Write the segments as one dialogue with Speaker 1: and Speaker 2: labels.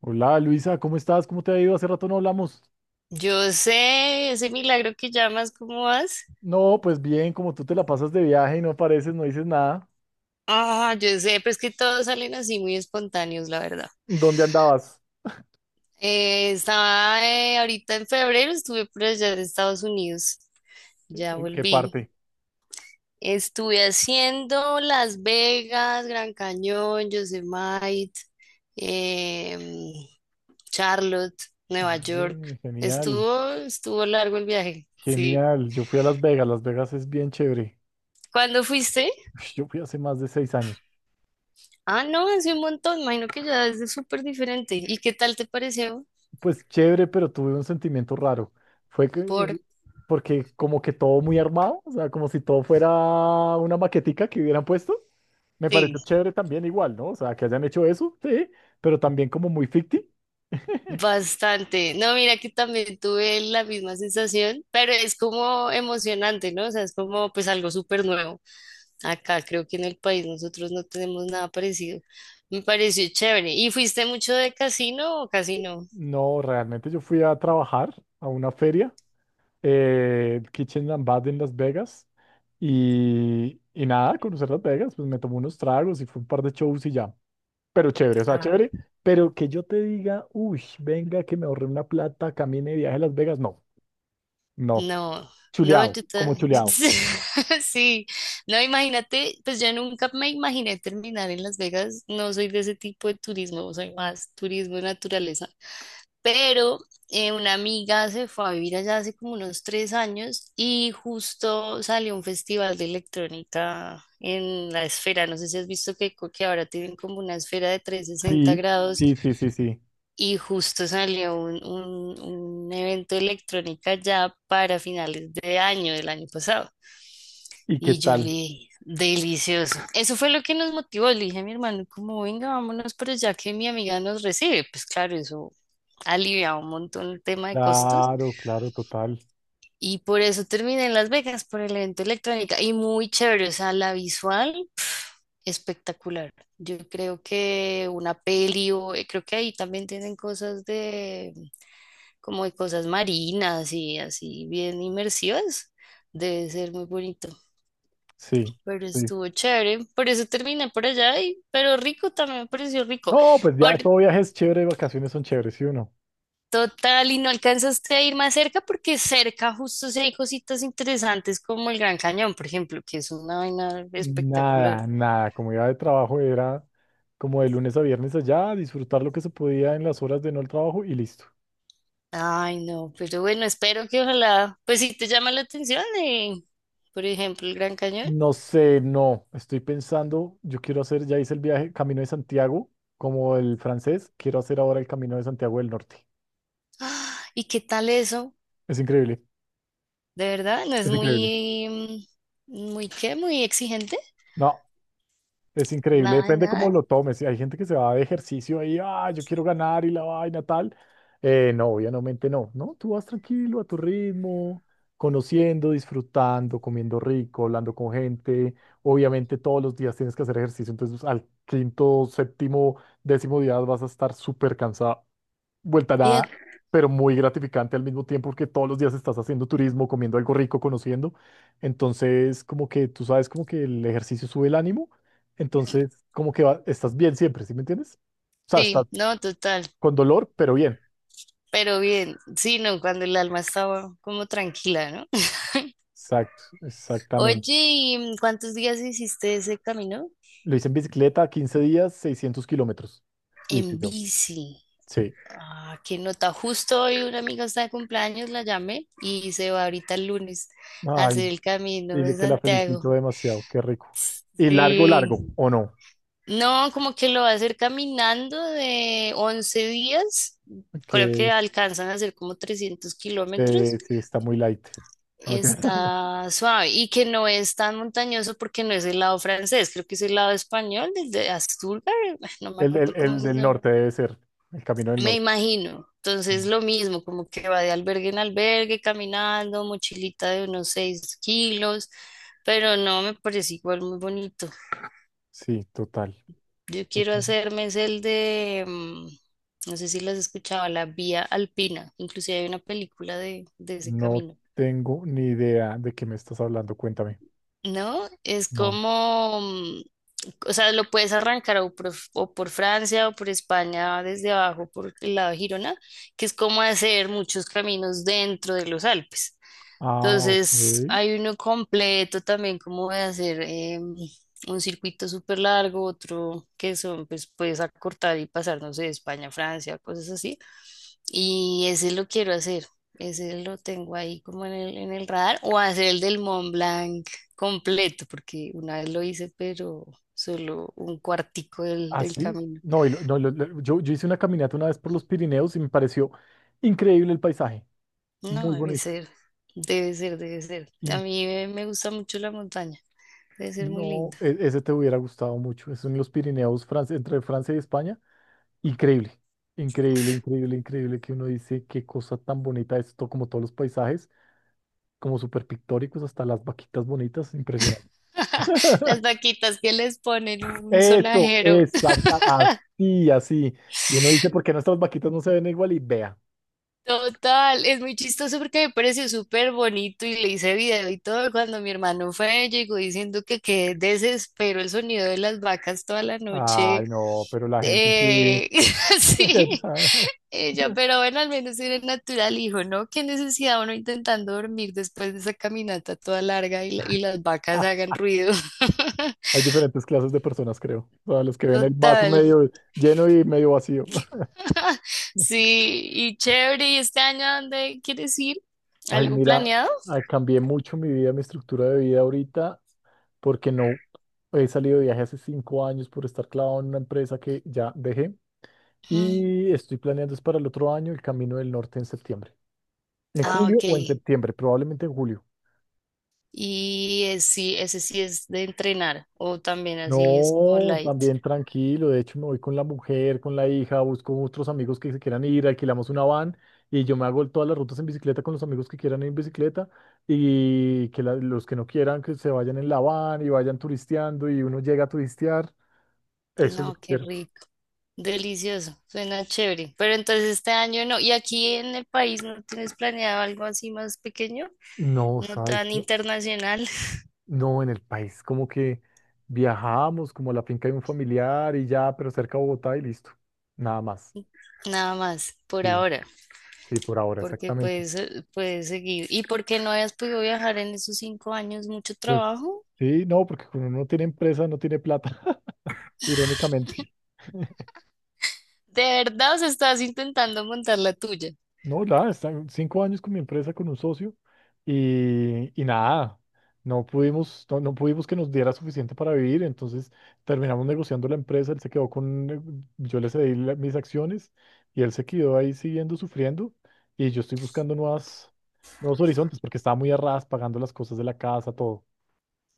Speaker 1: Hola Luisa, ¿cómo estás? ¿Cómo te ha ido? Hace rato no hablamos.
Speaker 2: Yo sé, ese milagro que llamas, ¿cómo vas?
Speaker 1: No, pues bien, como tú te la pasas de viaje y no apareces, no dices nada.
Speaker 2: Ah, yo sé, pero es que todos salen así muy espontáneos, la verdad.
Speaker 1: ¿Dónde andabas?
Speaker 2: Estaba ahorita en febrero, estuve por allá en Estados Unidos, ya
Speaker 1: ¿En qué
Speaker 2: volví.
Speaker 1: parte?
Speaker 2: Estuve haciendo Las Vegas, Gran Cañón, Yosemite, em, Charlotte, Nueva York.
Speaker 1: Oye, genial,
Speaker 2: Estuvo largo el viaje, sí.
Speaker 1: genial. Yo fui a Las Vegas, Las Vegas es bien chévere.
Speaker 2: ¿Cuándo fuiste?
Speaker 1: Yo fui hace más de 6 años.
Speaker 2: Ah, no, hace un montón, imagino que ya es súper diferente. ¿Y qué tal te pareció?
Speaker 1: Pues chévere, pero tuve un sentimiento raro. Fue que,
Speaker 2: Por
Speaker 1: porque como que todo muy armado, o sea, como si todo fuera una maquetica que hubieran puesto. Me
Speaker 2: ti,
Speaker 1: pareció chévere también igual, ¿no? O sea, que hayan hecho eso, sí, pero también como muy ficti.
Speaker 2: bastante. No, mira que también tuve la misma sensación, pero es como emocionante, ¿no? O sea, es como pues algo súper nuevo. Acá creo que en el país nosotros no tenemos nada parecido. Me pareció chévere. ¿Y fuiste mucho de casino o casino?
Speaker 1: No, realmente yo fui a trabajar a una feria, el Kitchen and Bath en Las Vegas, y nada, conocer Las Vegas, pues me tomé unos tragos y fue un par de shows y ya. Pero chévere, o sea, chévere, pero que yo te diga, uy, venga, que me ahorré una plata, camine de viaje a Las Vegas, no, no,
Speaker 2: No, no,
Speaker 1: chuleado, como chuleado.
Speaker 2: sí, no, imagínate, pues yo nunca me imaginé terminar en Las Vegas, no soy de ese tipo de turismo, soy más turismo de naturaleza, pero una amiga se fue a vivir allá hace como unos 3 años y justo salió un festival de electrónica en la esfera, no sé si has visto que ahora tienen como una esfera de trescientos sesenta
Speaker 1: Sí,
Speaker 2: grados
Speaker 1: sí, sí, sí, sí.
Speaker 2: y justo salió un evento de electrónica ya para finales de año, del año pasado.
Speaker 1: ¿Y qué
Speaker 2: Y yo le
Speaker 1: tal?
Speaker 2: dije, delicioso. Eso fue lo que nos motivó. Le dije a mi hermano, como venga, vámonos, pero ya que mi amiga nos recibe, pues claro, eso aliviaba un montón el tema de costos.
Speaker 1: Claro, claro, total.
Speaker 2: Y por eso terminé en Las Vegas, por el evento de electrónica. Y muy chévere, o sea, la visual espectacular. Yo creo que una peli, o creo que ahí también tienen cosas de como de cosas marinas y así bien inmersivas. Debe ser muy bonito,
Speaker 1: Sí,
Speaker 2: pero
Speaker 1: sí.
Speaker 2: estuvo chévere. Por eso terminé por allá, y, pero rico también me pareció rico.
Speaker 1: No, pues
Speaker 2: Por
Speaker 1: ya, todo viaje es chévere, vacaciones son chéveres, ¿sí o no?
Speaker 2: total, y no alcanzaste a ir más cerca porque cerca justo sí hay cositas interesantes como el Gran Cañón, por ejemplo, que es una vaina espectacular.
Speaker 1: Nada, nada, como era de trabajo era como de lunes a viernes allá, disfrutar lo que se podía en las horas de no el trabajo y listo.
Speaker 2: Ay, no, pero bueno, espero que ojalá, pues si te llama la atención, por ejemplo, el Gran Cañón.
Speaker 1: No sé, no, estoy pensando, yo quiero hacer, ya hice el viaje Camino de Santiago, como el francés, quiero hacer ahora el Camino de Santiago del Norte.
Speaker 2: Ah, ¿y qué tal eso?
Speaker 1: Es increíble,
Speaker 2: ¿De verdad? ¿No es
Speaker 1: es increíble.
Speaker 2: muy, mm, muy qué? ¿Muy exigente?
Speaker 1: No. Es increíble,
Speaker 2: Nada, de
Speaker 1: depende cómo
Speaker 2: nada.
Speaker 1: lo tomes. Si hay gente que se va de ejercicio ahí, ah, yo quiero ganar y la vaina tal. No, obviamente no, ¿no? Tú vas tranquilo a tu ritmo, conociendo, disfrutando, comiendo rico, hablando con gente. Obviamente todos los días tienes que hacer ejercicio, entonces al quinto, séptimo, décimo día vas a estar súper cansado vuelta a
Speaker 2: Y de-
Speaker 1: nada, pero muy gratificante al mismo tiempo porque todos los días estás haciendo turismo, comiendo algo rico, conociendo. Entonces, como que tú sabes, como que el ejercicio sube el ánimo. Entonces, como que estás bien siempre, ¿sí me entiendes? O sea, estás
Speaker 2: sí, no, total.
Speaker 1: con dolor, pero bien.
Speaker 2: Pero bien, sí, no, cuando el alma estaba como tranquila, ¿no?
Speaker 1: Exacto,
Speaker 2: Oye,
Speaker 1: exactamente.
Speaker 2: ¿y mm, cuántos días hiciste ese camino?
Speaker 1: Lo hice en bicicleta, 15 días, 600 kilómetros. Y fui
Speaker 2: En
Speaker 1: yo,
Speaker 2: bici.
Speaker 1: sí.
Speaker 2: Ah, qué nota. Justo hoy una amiga está de cumpleaños, la llamé y se va ahorita el lunes a hacer
Speaker 1: Ay,
Speaker 2: el camino
Speaker 1: dile
Speaker 2: de
Speaker 1: que la felicito
Speaker 2: Santiago.
Speaker 1: demasiado, qué rico. Y largo, largo,
Speaker 2: Sí.
Speaker 1: ¿o no?
Speaker 2: No, como que lo va a hacer caminando de 11 días. Creo que
Speaker 1: Que
Speaker 2: alcanzan a hacer como 300 kilómetros.
Speaker 1: sí, está muy light. Ok.
Speaker 2: Está suave y que no es tan montañoso porque no es el lado francés, creo que es el lado español, desde Asturgar, no me acuerdo cómo
Speaker 1: El
Speaker 2: se
Speaker 1: del
Speaker 2: llama.
Speaker 1: norte debe ser, el camino del
Speaker 2: Me
Speaker 1: norte.
Speaker 2: imagino. Entonces
Speaker 1: Mm.
Speaker 2: lo mismo, como que va de albergue en albergue, caminando, mochilita de unos 6 kilos, pero no, me parece igual muy bonito.
Speaker 1: Sí, total,
Speaker 2: Yo quiero
Speaker 1: total.
Speaker 2: hacerme es el de, mm, no sé si las escuchaba, la Vía Alpina. Inclusive hay una película de ese
Speaker 1: No
Speaker 2: camino.
Speaker 1: tengo ni idea de qué me estás hablando, cuéntame.
Speaker 2: ¿No? Es
Speaker 1: No.
Speaker 2: como, mm, o sea, lo puedes arrancar o o por Francia o por España desde abajo, por el lado de Girona, que es como hacer muchos caminos dentro de los Alpes.
Speaker 1: Ah,
Speaker 2: Entonces,
Speaker 1: ok.
Speaker 2: hay uno completo también, como de hacer un circuito súper largo, otro que son, pues puedes acortar y pasar, no sé, de España a Francia, cosas así. Y ese lo quiero hacer, ese lo tengo ahí como en el radar, o hacer el del Mont Blanc completo, porque una vez lo hice, pero solo un cuartico
Speaker 1: Ah,
Speaker 2: del
Speaker 1: sí.
Speaker 2: camino.
Speaker 1: No, y no, yo hice una caminata una vez por los Pirineos y me pareció increíble el paisaje,
Speaker 2: No,
Speaker 1: muy
Speaker 2: debe
Speaker 1: bonito.
Speaker 2: ser, debe ser, debe ser. A
Speaker 1: Y
Speaker 2: mí me gusta mucho la montaña, debe ser muy
Speaker 1: no,
Speaker 2: lindo.
Speaker 1: ese te hubiera gustado mucho. Es en los Pirineos, Francia, entre Francia y España. Increíble, increíble, increíble, increíble que uno dice qué cosa tan bonita esto, como todos los paisajes. Como súper pictóricos, hasta las vaquitas bonitas, impresionante.
Speaker 2: Las vaquitas que les ponen un
Speaker 1: Eso,
Speaker 2: sonajero.
Speaker 1: exacta, así, así. Y uno dice, ¿por qué nuestras vaquitas no se ven igual? Y vea.
Speaker 2: Total, es muy chistoso porque me pareció súper bonito y le hice video y todo. Cuando mi hermano fue, llegó diciendo que qué desespero el sonido de las vacas toda la noche.
Speaker 1: Ay, no, pero la gente sí.
Speaker 2: Eh, sí, ella, pero bueno, al menos era natural, hijo, ¿no? Qué necesidad uno intentando dormir después de esa caminata toda larga y las vacas hagan ruido.
Speaker 1: Hay diferentes clases de personas, creo. O sea, los que ven el vaso
Speaker 2: Total.
Speaker 1: medio lleno y medio vacío.
Speaker 2: Sí, y chévere, ¿y este año a dónde quieres ir?
Speaker 1: Ay,
Speaker 2: ¿Algo
Speaker 1: mira,
Speaker 2: planeado?
Speaker 1: ah, cambié mucho mi vida, mi estructura de vida ahorita, porque no he salido de viaje hace 5 años por estar clavado en una empresa que ya dejé.
Speaker 2: Mm,
Speaker 1: Y estoy planeando es para el otro año el Camino del Norte en septiembre. En
Speaker 2: ah,
Speaker 1: julio
Speaker 2: ok.
Speaker 1: o en septiembre, probablemente en julio.
Speaker 2: Y sí, ese sí es de entrenar, o también así es como
Speaker 1: No,
Speaker 2: light.
Speaker 1: también tranquilo. De hecho, me voy con la mujer, con la hija, busco otros amigos que se quieran ir, alquilamos una van y yo me hago todas las rutas en bicicleta con los amigos que quieran ir en bicicleta y que los que no quieran que se vayan en la van y vayan turisteando y uno llega a turistear. Eso es lo
Speaker 2: No,
Speaker 1: que
Speaker 2: qué
Speaker 1: quiero.
Speaker 2: rico, delicioso, suena chévere. Pero entonces este año no, ¿y aquí en el país no tienes planeado algo así más pequeño?
Speaker 1: No,
Speaker 2: No
Speaker 1: ¿sabes
Speaker 2: tan
Speaker 1: qué?
Speaker 2: internacional,
Speaker 1: No, en el país, como que viajamos como a la finca de un familiar y ya, pero cerca de Bogotá y listo. Nada más.
Speaker 2: nada más, por
Speaker 1: Sí,
Speaker 2: ahora,
Speaker 1: sí, por ahora,
Speaker 2: porque
Speaker 1: exactamente.
Speaker 2: puedes, puedes seguir. ¿Y por qué no hayas podido viajar en esos 5 años? ¿Mucho
Speaker 1: Pues
Speaker 2: trabajo?
Speaker 1: sí, no, porque cuando uno tiene empresa no tiene plata, irónicamente.
Speaker 2: ¿De verdad o estás intentando montar la tuya?
Speaker 1: No, nada, están 5 años con mi empresa, con un socio, y nada, no pudimos que nos diera suficiente para vivir, entonces terminamos negociando la empresa, él se quedó con, yo le cedí mis acciones y él se quedó ahí siguiendo sufriendo y yo estoy buscando nuevas, nuevos horizontes porque estaba muy a ras pagando las cosas de la casa, todo.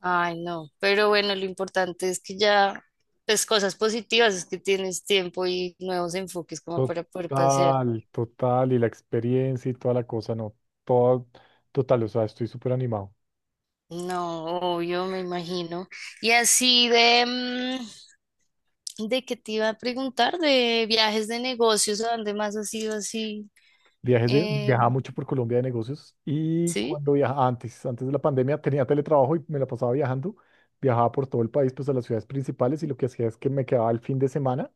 Speaker 2: Ay, no, pero bueno, lo importante es que ya, pues cosas positivas, es que tienes tiempo y nuevos enfoques como para poder pasear.
Speaker 1: Total, total, y la experiencia y toda la cosa, no, todo, total, o sea, estoy súper animado.
Speaker 2: No, obvio, me imagino. Y así de, mm, de qué te iba a preguntar, de viajes de negocios, ¿a dónde más has ido así?
Speaker 1: Viajes de,
Speaker 2: Eh,
Speaker 1: viajaba mucho por Colombia de negocios y
Speaker 2: ¿Sí?
Speaker 1: cuando viajaba antes de la pandemia tenía teletrabajo y me la pasaba viajando, viajaba por todo el país, pues a las ciudades principales y lo que hacía es que me quedaba el fin de semana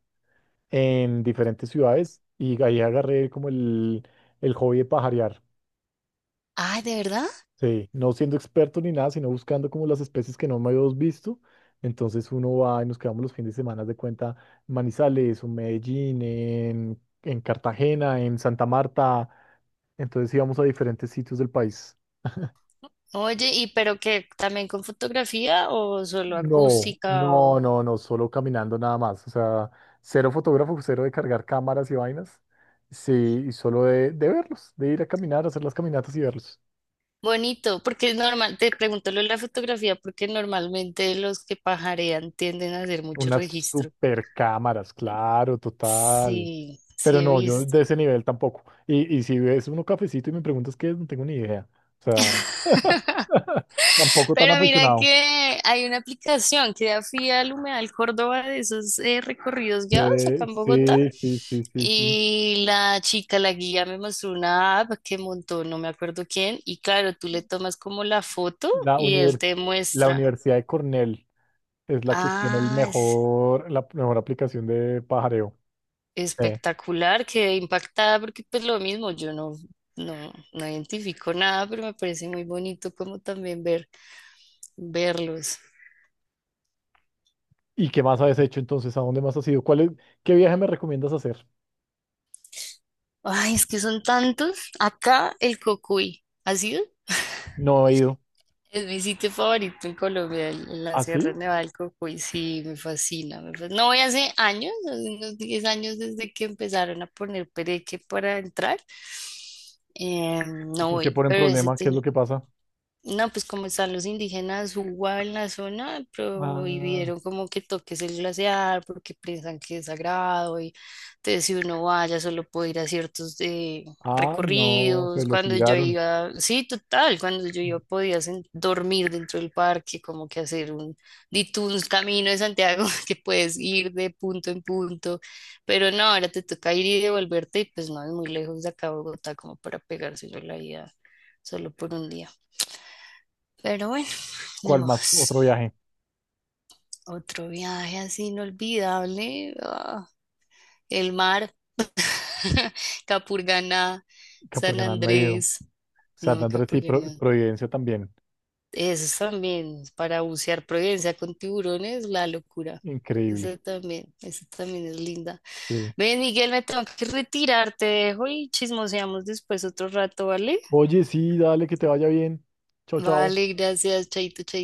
Speaker 1: en diferentes ciudades y ahí agarré como el hobby de pajarear.
Speaker 2: Ay, ¿de verdad?
Speaker 1: Sí, no siendo experto ni nada, sino buscando como las especies que no me habíamos visto. Entonces uno va y nos quedamos los fines de semana de cuenta en Manizales, en Medellín, en Cartagena, en Santa Marta. Entonces íbamos a diferentes sitios del país.
Speaker 2: Oye, ¿y pero qué, también con fotografía o solo
Speaker 1: No,
Speaker 2: acústica?
Speaker 1: no, no, no, solo caminando nada más. O sea, cero fotógrafo, cero de cargar cámaras y vainas. Sí, y solo de verlos, de ir a caminar, hacer las caminatas y verlos.
Speaker 2: Bonito, porque es normal, te pregunto lo de la fotografía, porque normalmente los que pajarean tienden a hacer mucho
Speaker 1: Unas
Speaker 2: registro.
Speaker 1: super cámaras, claro, total.
Speaker 2: Sí,
Speaker 1: Pero
Speaker 2: sí he
Speaker 1: no, yo de
Speaker 2: visto.
Speaker 1: ese nivel tampoco. Y si ves uno cafecito y me preguntas qué es, no tengo ni idea. O sea, tampoco tan
Speaker 2: Pero mira
Speaker 1: aficionado.
Speaker 2: que hay una aplicación que da fui al Humedal Córdoba de esos recorridos guiados acá en Bogotá.
Speaker 1: Sí, sí, sí, sí, sí.
Speaker 2: Y la chica, la guía, me mostró una app que montó, no me acuerdo quién. Y claro, tú le tomas como la foto
Speaker 1: La
Speaker 2: y él
Speaker 1: univers
Speaker 2: te
Speaker 1: la
Speaker 2: muestra.
Speaker 1: Universidad de Cornell es la que tiene el
Speaker 2: Ah,
Speaker 1: mejor, la mejor aplicación de pajareo. Eh,
Speaker 2: espectacular, quedé impactada porque pues lo mismo, yo no, no, no identifico nada, pero me parece muy bonito como también ver, verlos.
Speaker 1: ¿Y qué más has hecho entonces? ¿A dónde más has ido? ¿Cuál es, qué viaje me recomiendas hacer?
Speaker 2: Ay, es que son tantos. Acá el Cocuy, ¿ha sido?
Speaker 1: No he ido.
Speaker 2: Es mi sitio favorito en Colombia, el- en la
Speaker 1: ¿Ah,
Speaker 2: Sierra
Speaker 1: sí?
Speaker 2: Nevada del Cocuy. Sí, me fascina, me fascina. No voy hace años, hace unos 10 años desde que empezaron a poner pereque para entrar.
Speaker 1: ¿Y
Speaker 2: No
Speaker 1: por qué
Speaker 2: voy,
Speaker 1: ponen
Speaker 2: pero ese
Speaker 1: problema? ¿Qué es lo que pasa?
Speaker 2: no, pues como están los indígenas Uwa en la zona,
Speaker 1: Ah,
Speaker 2: prohibieron como que toques el glaciar porque piensan que es sagrado y entonces si uno vaya solo puede ir a ciertos
Speaker 1: no, se
Speaker 2: recorridos.
Speaker 1: lo
Speaker 2: Cuando yo
Speaker 1: tiraron.
Speaker 2: iba, sí, total, cuando yo iba podía dormir dentro del parque, como que hacer un, di tú un camino de Santiago que puedes ir de punto en punto, pero no, ahora te toca ir y devolverte y pues no es muy lejos de acá a Bogotá como para pegárselo la ida solo por un día. Pero bueno. Y
Speaker 1: ¿Cuál más? ¿Otro viaje?
Speaker 2: otro viaje así inolvidable. Ah, el mar, Capurganá, San
Speaker 1: Capurganá me dijo.
Speaker 2: Andrés.
Speaker 1: San
Speaker 2: No,
Speaker 1: Andrés y Pro-
Speaker 2: Capurganá.
Speaker 1: Providencia también.
Speaker 2: Eso también, para bucear Providencia con tiburones, la locura.
Speaker 1: Increíble.
Speaker 2: Eso también es linda.
Speaker 1: Sí.
Speaker 2: Ven, Miguel, me tengo que retirar, te dejo y chismoseamos después otro rato, ¿vale?
Speaker 1: Oye, sí, dale, que te vaya bien. Chao, chao.
Speaker 2: Vale, gracias, chaito, chaito.